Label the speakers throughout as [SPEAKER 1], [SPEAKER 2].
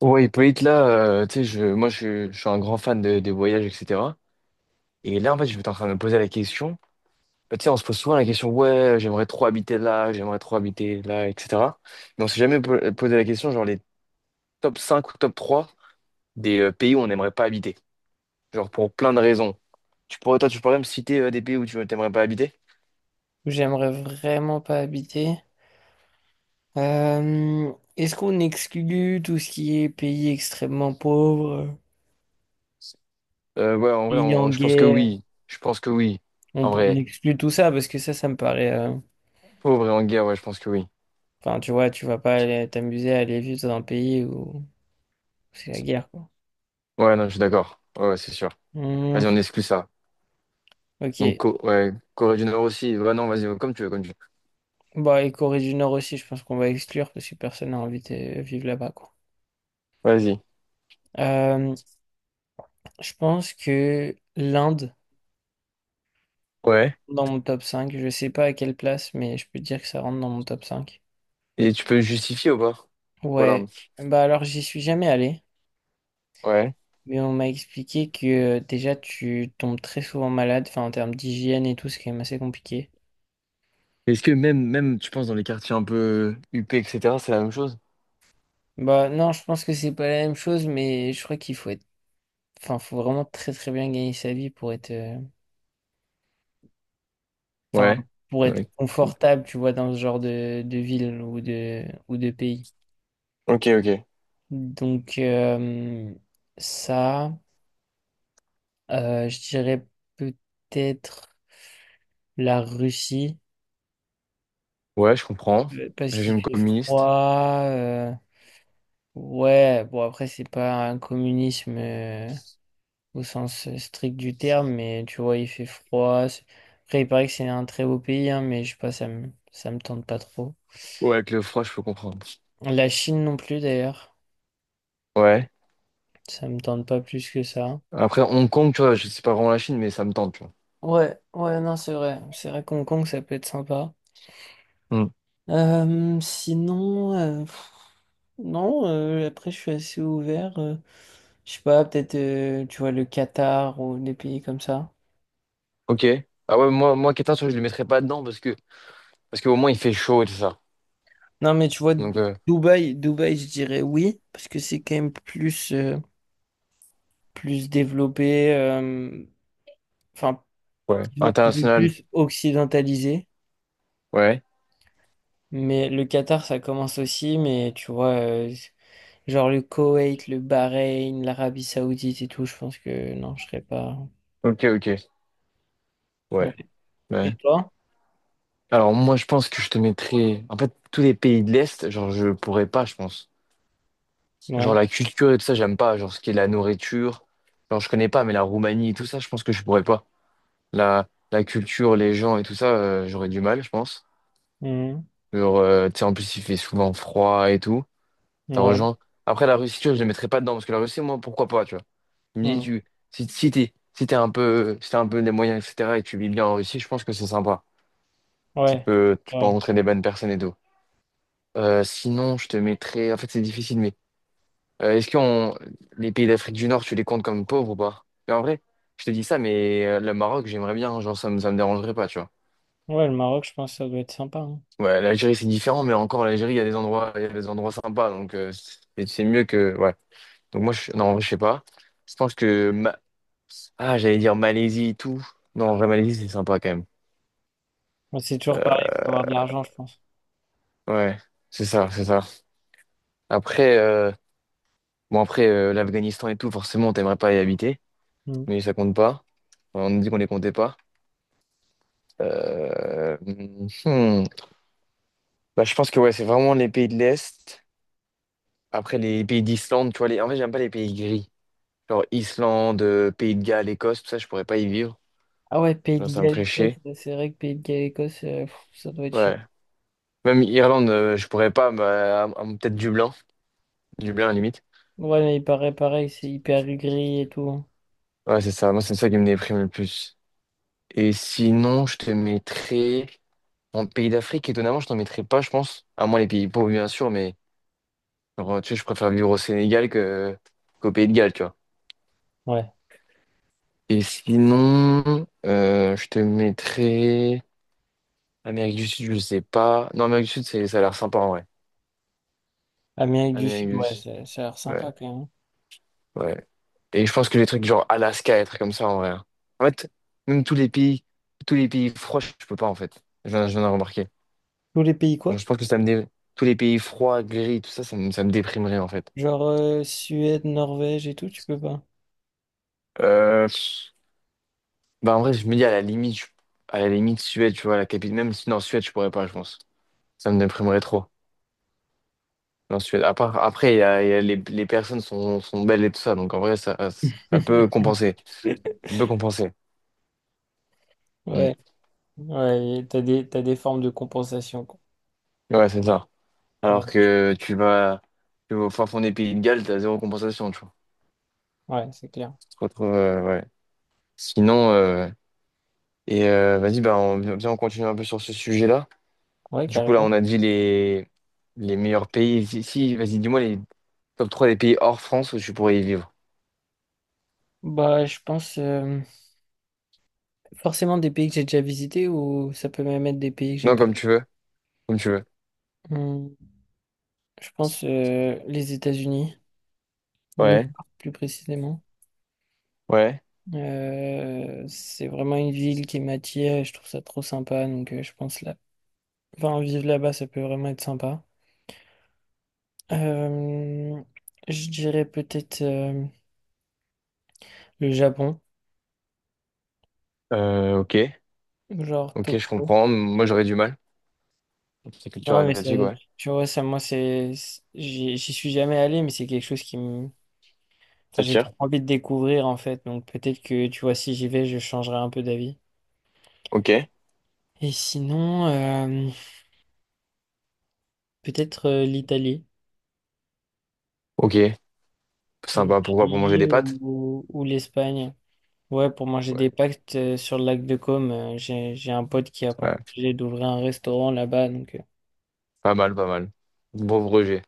[SPEAKER 1] Ouais, Hippolyte, là, tu sais, moi, je suis un grand fan des voyages, etc. Et là, en fait, je suis en train de me poser la question. Bah, tu sais, on se pose souvent la question, ouais, j'aimerais trop habiter là, j'aimerais trop habiter là, etc. Mais on s'est jamais posé la question, genre, les top 5 ou top 3 des pays où on n'aimerait pas habiter. Genre, pour plein de raisons. Tu pourrais, toi, tu pourrais me citer des pays où tu n'aimerais pas habiter?
[SPEAKER 2] Où j'aimerais vraiment pas habiter. Euh, Est-ce qu'on exclut tout ce qui est pays extrêmement pauvres,
[SPEAKER 1] Ouais, en vrai,
[SPEAKER 2] pays en
[SPEAKER 1] je pense que
[SPEAKER 2] guerre?
[SPEAKER 1] oui. Je pense que oui.
[SPEAKER 2] On,
[SPEAKER 1] En
[SPEAKER 2] on
[SPEAKER 1] vrai,
[SPEAKER 2] exclut tout ça parce que ça me paraît.
[SPEAKER 1] pauvre et en guerre, ouais, je pense que oui.
[SPEAKER 2] Enfin, tu vois, tu vas pas aller t'amuser à aller vivre dans un pays où c'est la guerre, quoi.
[SPEAKER 1] Ouais, non, je suis d'accord. Ouais, ouais, c'est sûr.
[SPEAKER 2] Hmm,
[SPEAKER 1] Vas-y, on exclut ça. Donc,
[SPEAKER 2] ok.
[SPEAKER 1] Ouais, Corée du Nord aussi. Ouais, non, vas-y, comme tu veux, comme tu veux.
[SPEAKER 2] Bah, et Corée du Nord aussi, je pense qu'on va exclure parce que personne n'a envie de vivre là-bas, quoi.
[SPEAKER 1] Vas-y.
[SPEAKER 2] Euh, je pense que l'Inde,
[SPEAKER 1] Ouais.
[SPEAKER 2] dans mon top cinq, je sais pas à quelle place, mais je peux dire que ça rentre dans mon top cinq.
[SPEAKER 1] Et tu peux justifier ou pas? Pourquoi
[SPEAKER 2] Ouais,
[SPEAKER 1] l'Inde?
[SPEAKER 2] bah alors j'y suis jamais allé,
[SPEAKER 1] Ouais.
[SPEAKER 2] mais on m'a expliqué que déjà tu tombes très souvent malade, enfin en termes d'hygiène et tout, c'est quand même assez compliqué.
[SPEAKER 1] Est-ce que même, tu penses, dans les quartiers un peu huppés, etc., c'est la même chose?
[SPEAKER 2] Bah non, je pense que c'est pas la même chose, mais je crois qu'il faut être, enfin faut vraiment très très bien gagner sa vie pour être, enfin
[SPEAKER 1] Ouais.
[SPEAKER 2] pour être
[SPEAKER 1] Ouais.
[SPEAKER 2] confortable, tu vois, dans ce genre de ville ou de pays.
[SPEAKER 1] Ok, ok.
[SPEAKER 2] Donc ça, je dirais peut-être la Russie
[SPEAKER 1] Ouais, je comprends.
[SPEAKER 2] parce qu'il
[SPEAKER 1] Régime
[SPEAKER 2] fait
[SPEAKER 1] communiste.
[SPEAKER 2] froid. Ouais, bon après c'est pas un communisme au sens strict du terme, mais tu vois il fait froid. Après il paraît que c'est un très beau pays, hein, mais je sais pas, ça me tente pas trop.
[SPEAKER 1] Ouais, avec le froid, je peux comprendre.
[SPEAKER 2] La Chine non plus d'ailleurs,
[SPEAKER 1] Ouais.
[SPEAKER 2] ça me tente pas plus que ça.
[SPEAKER 1] Après, Hong Kong, tu vois, je sais pas vraiment la Chine, mais ça me tente, tu vois.
[SPEAKER 2] Ouais, ouais non c'est vrai, c'est vrai qu'Hong Kong ça peut être sympa.
[SPEAKER 1] Hmm.
[SPEAKER 2] Sinon, non après je suis assez ouvert. Je sais pas peut-être tu vois le Qatar ou des pays comme ça.
[SPEAKER 1] Ok. Ah ouais, moi, Qatar, tu vois, je le mettrais pas dedans parce qu'au moins, il fait chaud et tout ça.
[SPEAKER 2] Non, mais tu vois,
[SPEAKER 1] Donc,
[SPEAKER 2] Dubaï, je dirais oui, parce que c'est quand même plus, plus développé, enfin,
[SPEAKER 1] ouais.
[SPEAKER 2] disons, un peu
[SPEAKER 1] International.
[SPEAKER 2] plus occidentalisé.
[SPEAKER 1] Ouais.
[SPEAKER 2] Mais le Qatar, ça commence aussi, mais tu vois, genre le Koweït, le Bahreïn, l'Arabie Saoudite et tout, je pense que non, je serais pas.
[SPEAKER 1] Ok, ok. Ouais.
[SPEAKER 2] Ouais.
[SPEAKER 1] Ouais.
[SPEAKER 2] Et toi?
[SPEAKER 1] Alors moi je pense que je te mettrais en fait tous les pays de l'Est, genre je pourrais pas je pense. Genre
[SPEAKER 2] Ouais.
[SPEAKER 1] la culture et tout ça j'aime pas, genre ce qui est la nourriture, genre je connais pas mais la Roumanie et tout ça je pense que je pourrais pas. La culture, les gens et tout ça j'aurais du mal je pense.
[SPEAKER 2] Mhm.
[SPEAKER 1] Genre tu sais en plus il fait souvent froid et tout, ça
[SPEAKER 2] Ouais.
[SPEAKER 1] rejoint. Après la Russie tu vois, je les mettrais pas dedans parce que la Russie moi pourquoi pas tu vois. Tu me dis
[SPEAKER 2] Mhm.
[SPEAKER 1] tu si t'as un peu les moyens etc et que tu vis bien en Russie je pense que c'est sympa. Tu
[SPEAKER 2] Ouais.
[SPEAKER 1] peux tu peux
[SPEAKER 2] Ouais.
[SPEAKER 1] rencontrer des bonnes personnes et tout. Sinon, je te mettrais. En fait, c'est difficile, mais est-ce que les pays d'Afrique du Nord, tu les comptes comme pauvres ou pas? Mais en vrai, je te dis ça, mais le Maroc, j'aimerais bien, genre, ça me dérangerait pas, tu vois.
[SPEAKER 2] Ouais, le Maroc, je pense que ça doit être sympa, hein.
[SPEAKER 1] Ouais, l'Algérie, c'est différent, mais encore, l'Algérie, il y a des endroits sympas, donc c'est mieux que. Ouais. Donc, moi, je... non, en vrai, je sais pas. Je pense que. Ah, j'allais dire Malaisie et tout. Non, en vrai, Malaisie, c'est sympa quand même.
[SPEAKER 2] Mais c'est toujours pareil, il faut avoir de l'argent, je pense.
[SPEAKER 1] Ouais, c'est ça, c'est ça. Après, bon, après, l'Afghanistan et tout, forcément, t'aimerais pas y habiter,
[SPEAKER 2] Mhm.
[SPEAKER 1] mais ça compte pas. On nous dit qu'on les comptait pas. Euh, hmm. Bah, je pense que ouais, c'est vraiment les pays de l'Est. Après, les pays d'Islande, tu vois, en fait, j'aime pas les pays gris. Genre Islande, Pays de Galles, Écosse, tout ça, je pourrais pas y vivre.
[SPEAKER 2] Ah ouais, Pays de
[SPEAKER 1] Genre, ça me
[SPEAKER 2] Galles,
[SPEAKER 1] ferait
[SPEAKER 2] Écosse,
[SPEAKER 1] chier.
[SPEAKER 2] ouais, c'est vrai que Pays de Galles, Écosse, ça doit être chiant.
[SPEAKER 1] Ouais. Même Irlande, je pourrais pas, bah, peut-être Dublin. Dublin, à la limite.
[SPEAKER 2] Ouais, mais il paraît pareil, c'est hyper gris et tout, hein.
[SPEAKER 1] Ouais, c'est ça. Moi, c'est ça qui me déprime le plus. Et sinon, je te mettrais en pays d'Afrique. Étonnamment, je t'en mettrais pas, je pense. À moins les pays pauvres, bien sûr, mais genre, tu sais, je préfère vivre au Sénégal que qu'au Pays de Galles, tu vois.
[SPEAKER 2] Ouais.
[SPEAKER 1] Et sinon, je te mettrais Amérique du Sud, je sais pas. Non, Amérique du Sud, ça a l'air sympa en vrai.
[SPEAKER 2] Amérique du
[SPEAKER 1] Amérique
[SPEAKER 2] Sud,
[SPEAKER 1] du
[SPEAKER 2] ouais,
[SPEAKER 1] Sud,
[SPEAKER 2] ça a l'air
[SPEAKER 1] ouais,
[SPEAKER 2] sympa quand même.
[SPEAKER 1] ouais. Et je pense que les trucs genre Alaska, être comme ça en vrai. En fait, même tous les pays froids, je peux pas en fait. Je viens de remarquer.
[SPEAKER 2] Tous les pays
[SPEAKER 1] Genre, je
[SPEAKER 2] quoi?
[SPEAKER 1] pense que tous les pays froids, gris, tout ça, ça me déprimerait en fait.
[SPEAKER 2] Genre Suède, Norvège et tout, tu peux pas.
[SPEAKER 1] Euh, Bah en vrai, je me dis à la limite, à la limite Suède, tu vois, la capitale. Même si non, Suède, je pourrais pas, je pense. Ça me déprimerait trop. Non, Suède. Après, il y a les personnes sont belles et tout ça, donc en vrai, ça peut compenser. Ça peut compenser. Mm.
[SPEAKER 2] Ouais, ouais, et t'as des formes de compensation, quoi.
[SPEAKER 1] Ouais, c'est ça. Alors
[SPEAKER 2] Ouais,
[SPEAKER 1] que tu vas au fin fond des pays de Galles, t'as zéro compensation, tu vois.
[SPEAKER 2] ouais, c'est clair.
[SPEAKER 1] Tu te retrouves, ouais. Sinon, vas-y, bah, viens, on continue un peu sur ce sujet-là.
[SPEAKER 2] Ouais,
[SPEAKER 1] Du coup, là,
[SPEAKER 2] carrément.
[SPEAKER 1] on a dit les meilleurs pays. Si, si, vas-y, dis-moi les top 3 des pays hors France où tu pourrais y vivre.
[SPEAKER 2] Bah, je pense forcément des pays que j'ai déjà visités ou ça peut même être des pays que j'ai
[SPEAKER 1] Non,
[SPEAKER 2] pas
[SPEAKER 1] comme
[SPEAKER 2] vus.
[SPEAKER 1] tu veux. Comme tu veux.
[SPEAKER 2] Hum, je pense les États-Unis. New York,
[SPEAKER 1] Ouais,
[SPEAKER 2] plus précisément.
[SPEAKER 1] ouais.
[SPEAKER 2] C'est vraiment une ville qui m'attire et je trouve ça trop sympa. Donc, je pense là, enfin, vivre là-bas, ça peut vraiment être sympa. Euh, je dirais peut-être le Japon,
[SPEAKER 1] Ok,
[SPEAKER 2] genre
[SPEAKER 1] ok, je
[SPEAKER 2] Tokyo.
[SPEAKER 1] comprends. Moi, j'aurais du mal. C'est culture
[SPEAKER 2] Non, mais ça,
[SPEAKER 1] asiatique, ouais.
[SPEAKER 2] tu vois, ça, moi, j'y suis jamais allé, mais c'est quelque chose qui me, enfin,
[SPEAKER 1] Ça
[SPEAKER 2] j'ai
[SPEAKER 1] tire.
[SPEAKER 2] trop envie de découvrir en fait. Donc, peut-être que, tu vois, si j'y vais, je changerai un peu d'avis.
[SPEAKER 1] Ok.
[SPEAKER 2] Et sinon, peut-être l'Italie.
[SPEAKER 1] Ok, sympa. Pourquoi? Pour manger des
[SPEAKER 2] L'Italie
[SPEAKER 1] pâtes?
[SPEAKER 2] ou l'Espagne. Ouais, pour manger
[SPEAKER 1] Ouais.
[SPEAKER 2] des pactes sur le lac de Côme, j'ai un pote qui a pour
[SPEAKER 1] Ouais.
[SPEAKER 2] projet d'ouvrir un restaurant là-bas, donc
[SPEAKER 1] Pas mal, pas mal. Bon rejet.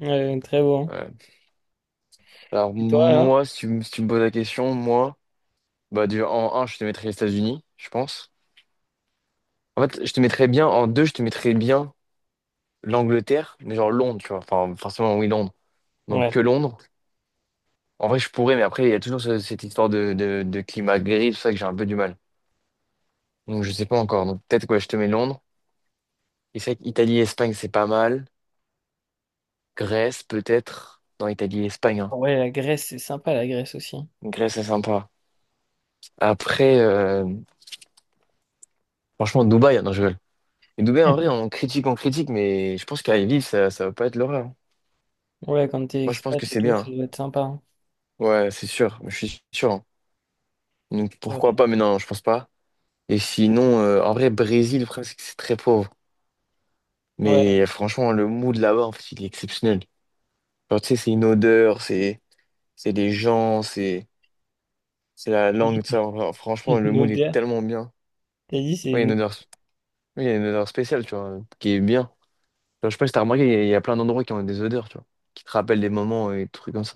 [SPEAKER 2] ouais, très bon.
[SPEAKER 1] Ouais. Alors
[SPEAKER 2] Et toi alors?
[SPEAKER 1] moi, si tu me poses la question, moi, bah du en un je te mettrais les États-Unis, je pense. En fait, je te mettrais bien, en 2 je te mettrais bien l'Angleterre, mais genre Londres, tu vois. Enfin, forcément, oui, Londres. Donc
[SPEAKER 2] Ouais.
[SPEAKER 1] que Londres. En vrai, je pourrais, mais après, il y a toujours cette histoire de climat gris, tout ça que j'ai un peu du mal. Donc je sais pas encore. Donc peut-être quoi, je te mets Londres. Et c'est vrai qu'Italie, Espagne, c'est pas mal. Grèce peut-être. Non, Italie, Espagne, hein.
[SPEAKER 2] Ouais, la Grèce, c'est sympa la Grèce aussi.
[SPEAKER 1] Grèce, c'est sympa. Après, franchement, Dubaï, non, je rigole. Mais Dubaï, en vrai, on critique, mais je pense qu'à y vivre, ça va pas être l'horreur, hein.
[SPEAKER 2] Ouais, quand t'es
[SPEAKER 1] Moi, je pense
[SPEAKER 2] expat
[SPEAKER 1] que
[SPEAKER 2] et
[SPEAKER 1] c'est
[SPEAKER 2] tout,
[SPEAKER 1] bien,
[SPEAKER 2] ça
[SPEAKER 1] hein.
[SPEAKER 2] doit être sympa, hein.
[SPEAKER 1] Ouais, c'est sûr. Je suis sûr, hein. Donc,
[SPEAKER 2] C'est
[SPEAKER 1] pourquoi
[SPEAKER 2] vrai.
[SPEAKER 1] pas? Mais non, je pense pas. Et sinon, en vrai, Brésil, le problème, c'est que c'est très pauvre.
[SPEAKER 2] Ouais.
[SPEAKER 1] Mais franchement, le mood là-bas, en fait, il est exceptionnel. Genre, tu sais, c'est une odeur, c'est des gens, c'est la langue, tout ça. Enfin, franchement, le
[SPEAKER 2] Une
[SPEAKER 1] mood est
[SPEAKER 2] odeur.
[SPEAKER 1] tellement bien.
[SPEAKER 2] T'as dit c'est
[SPEAKER 1] Ouais, il y a
[SPEAKER 2] une...
[SPEAKER 1] une odeur Oui, il y a une odeur spéciale, tu vois, qui est bien. Genre, je sais pas si t'as remarqué, il y a plein d'endroits qui ont des odeurs, tu vois, qui te rappellent des moments et des trucs comme ça.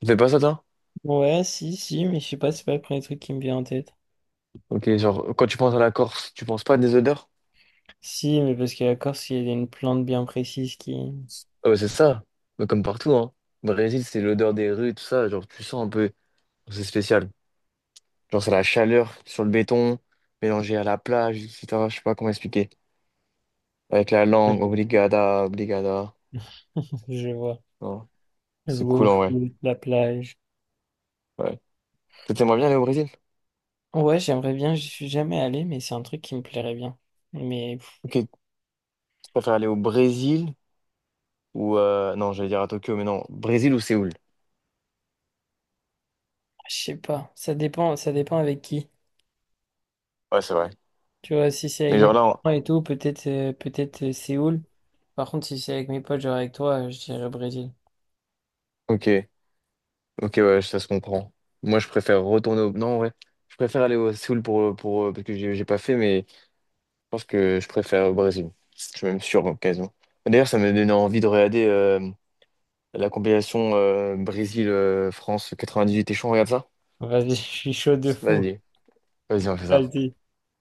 [SPEAKER 1] Tu fais pas ça, toi?
[SPEAKER 2] Ouais, si, si, mais je sais pas, c'est pas le premier truc qui me vient en tête.
[SPEAKER 1] Ok, genre, quand tu penses à la Corse, tu penses pas à des odeurs?
[SPEAKER 2] Si, mais parce que la Corse, il y a une plante bien précise qui...
[SPEAKER 1] Ah bah, c'est ça. Mais comme partout, hein. Brésil, c'est l'odeur des rues, tout ça. Genre, tu sens un peu. C'est spécial. Genre, c'est la chaleur sur le béton, mélangée à la plage, etc. Je sais pas comment expliquer. Avec la langue, obrigada, obrigada.
[SPEAKER 2] Je vois.
[SPEAKER 1] Oh, c'est
[SPEAKER 2] Jouer au
[SPEAKER 1] cool, en vrai.
[SPEAKER 2] foot, la plage.
[SPEAKER 1] Ouais. T'aimerais bien aller au Brésil?
[SPEAKER 2] Ouais, j'aimerais bien, j'y suis jamais allé, mais c'est un truc qui me plairait bien. Mais pff,
[SPEAKER 1] Ok, tu préfères aller au Brésil? Ou non, j'allais dire à Tokyo, mais non. Brésil ou Séoul?
[SPEAKER 2] je sais pas, ça dépend avec qui.
[SPEAKER 1] Ouais, c'est vrai.
[SPEAKER 2] Tu vois, si c'est
[SPEAKER 1] Mais
[SPEAKER 2] avec
[SPEAKER 1] genre
[SPEAKER 2] mes
[SPEAKER 1] là.
[SPEAKER 2] parents et tout, peut-être Séoul. Par contre, si c'est avec mes potes, genre avec toi, je dirais Brésil.
[SPEAKER 1] Ok, ok, ouais, ça se comprend. Moi, je préfère. Non, ouais. Je préfère aller au Séoul pour, parce que j'ai pas fait, mais je pense que je préfère au Brésil. Je suis même sûr, occasion. D'ailleurs, ça m'a donné envie de regarder la compilation Brésil-France 98. T'es chaud, on regarde ça?
[SPEAKER 2] Vas-y, je suis chaud de fou.
[SPEAKER 1] Vas-y, vas-y, on fait ça.
[SPEAKER 2] Vas-y.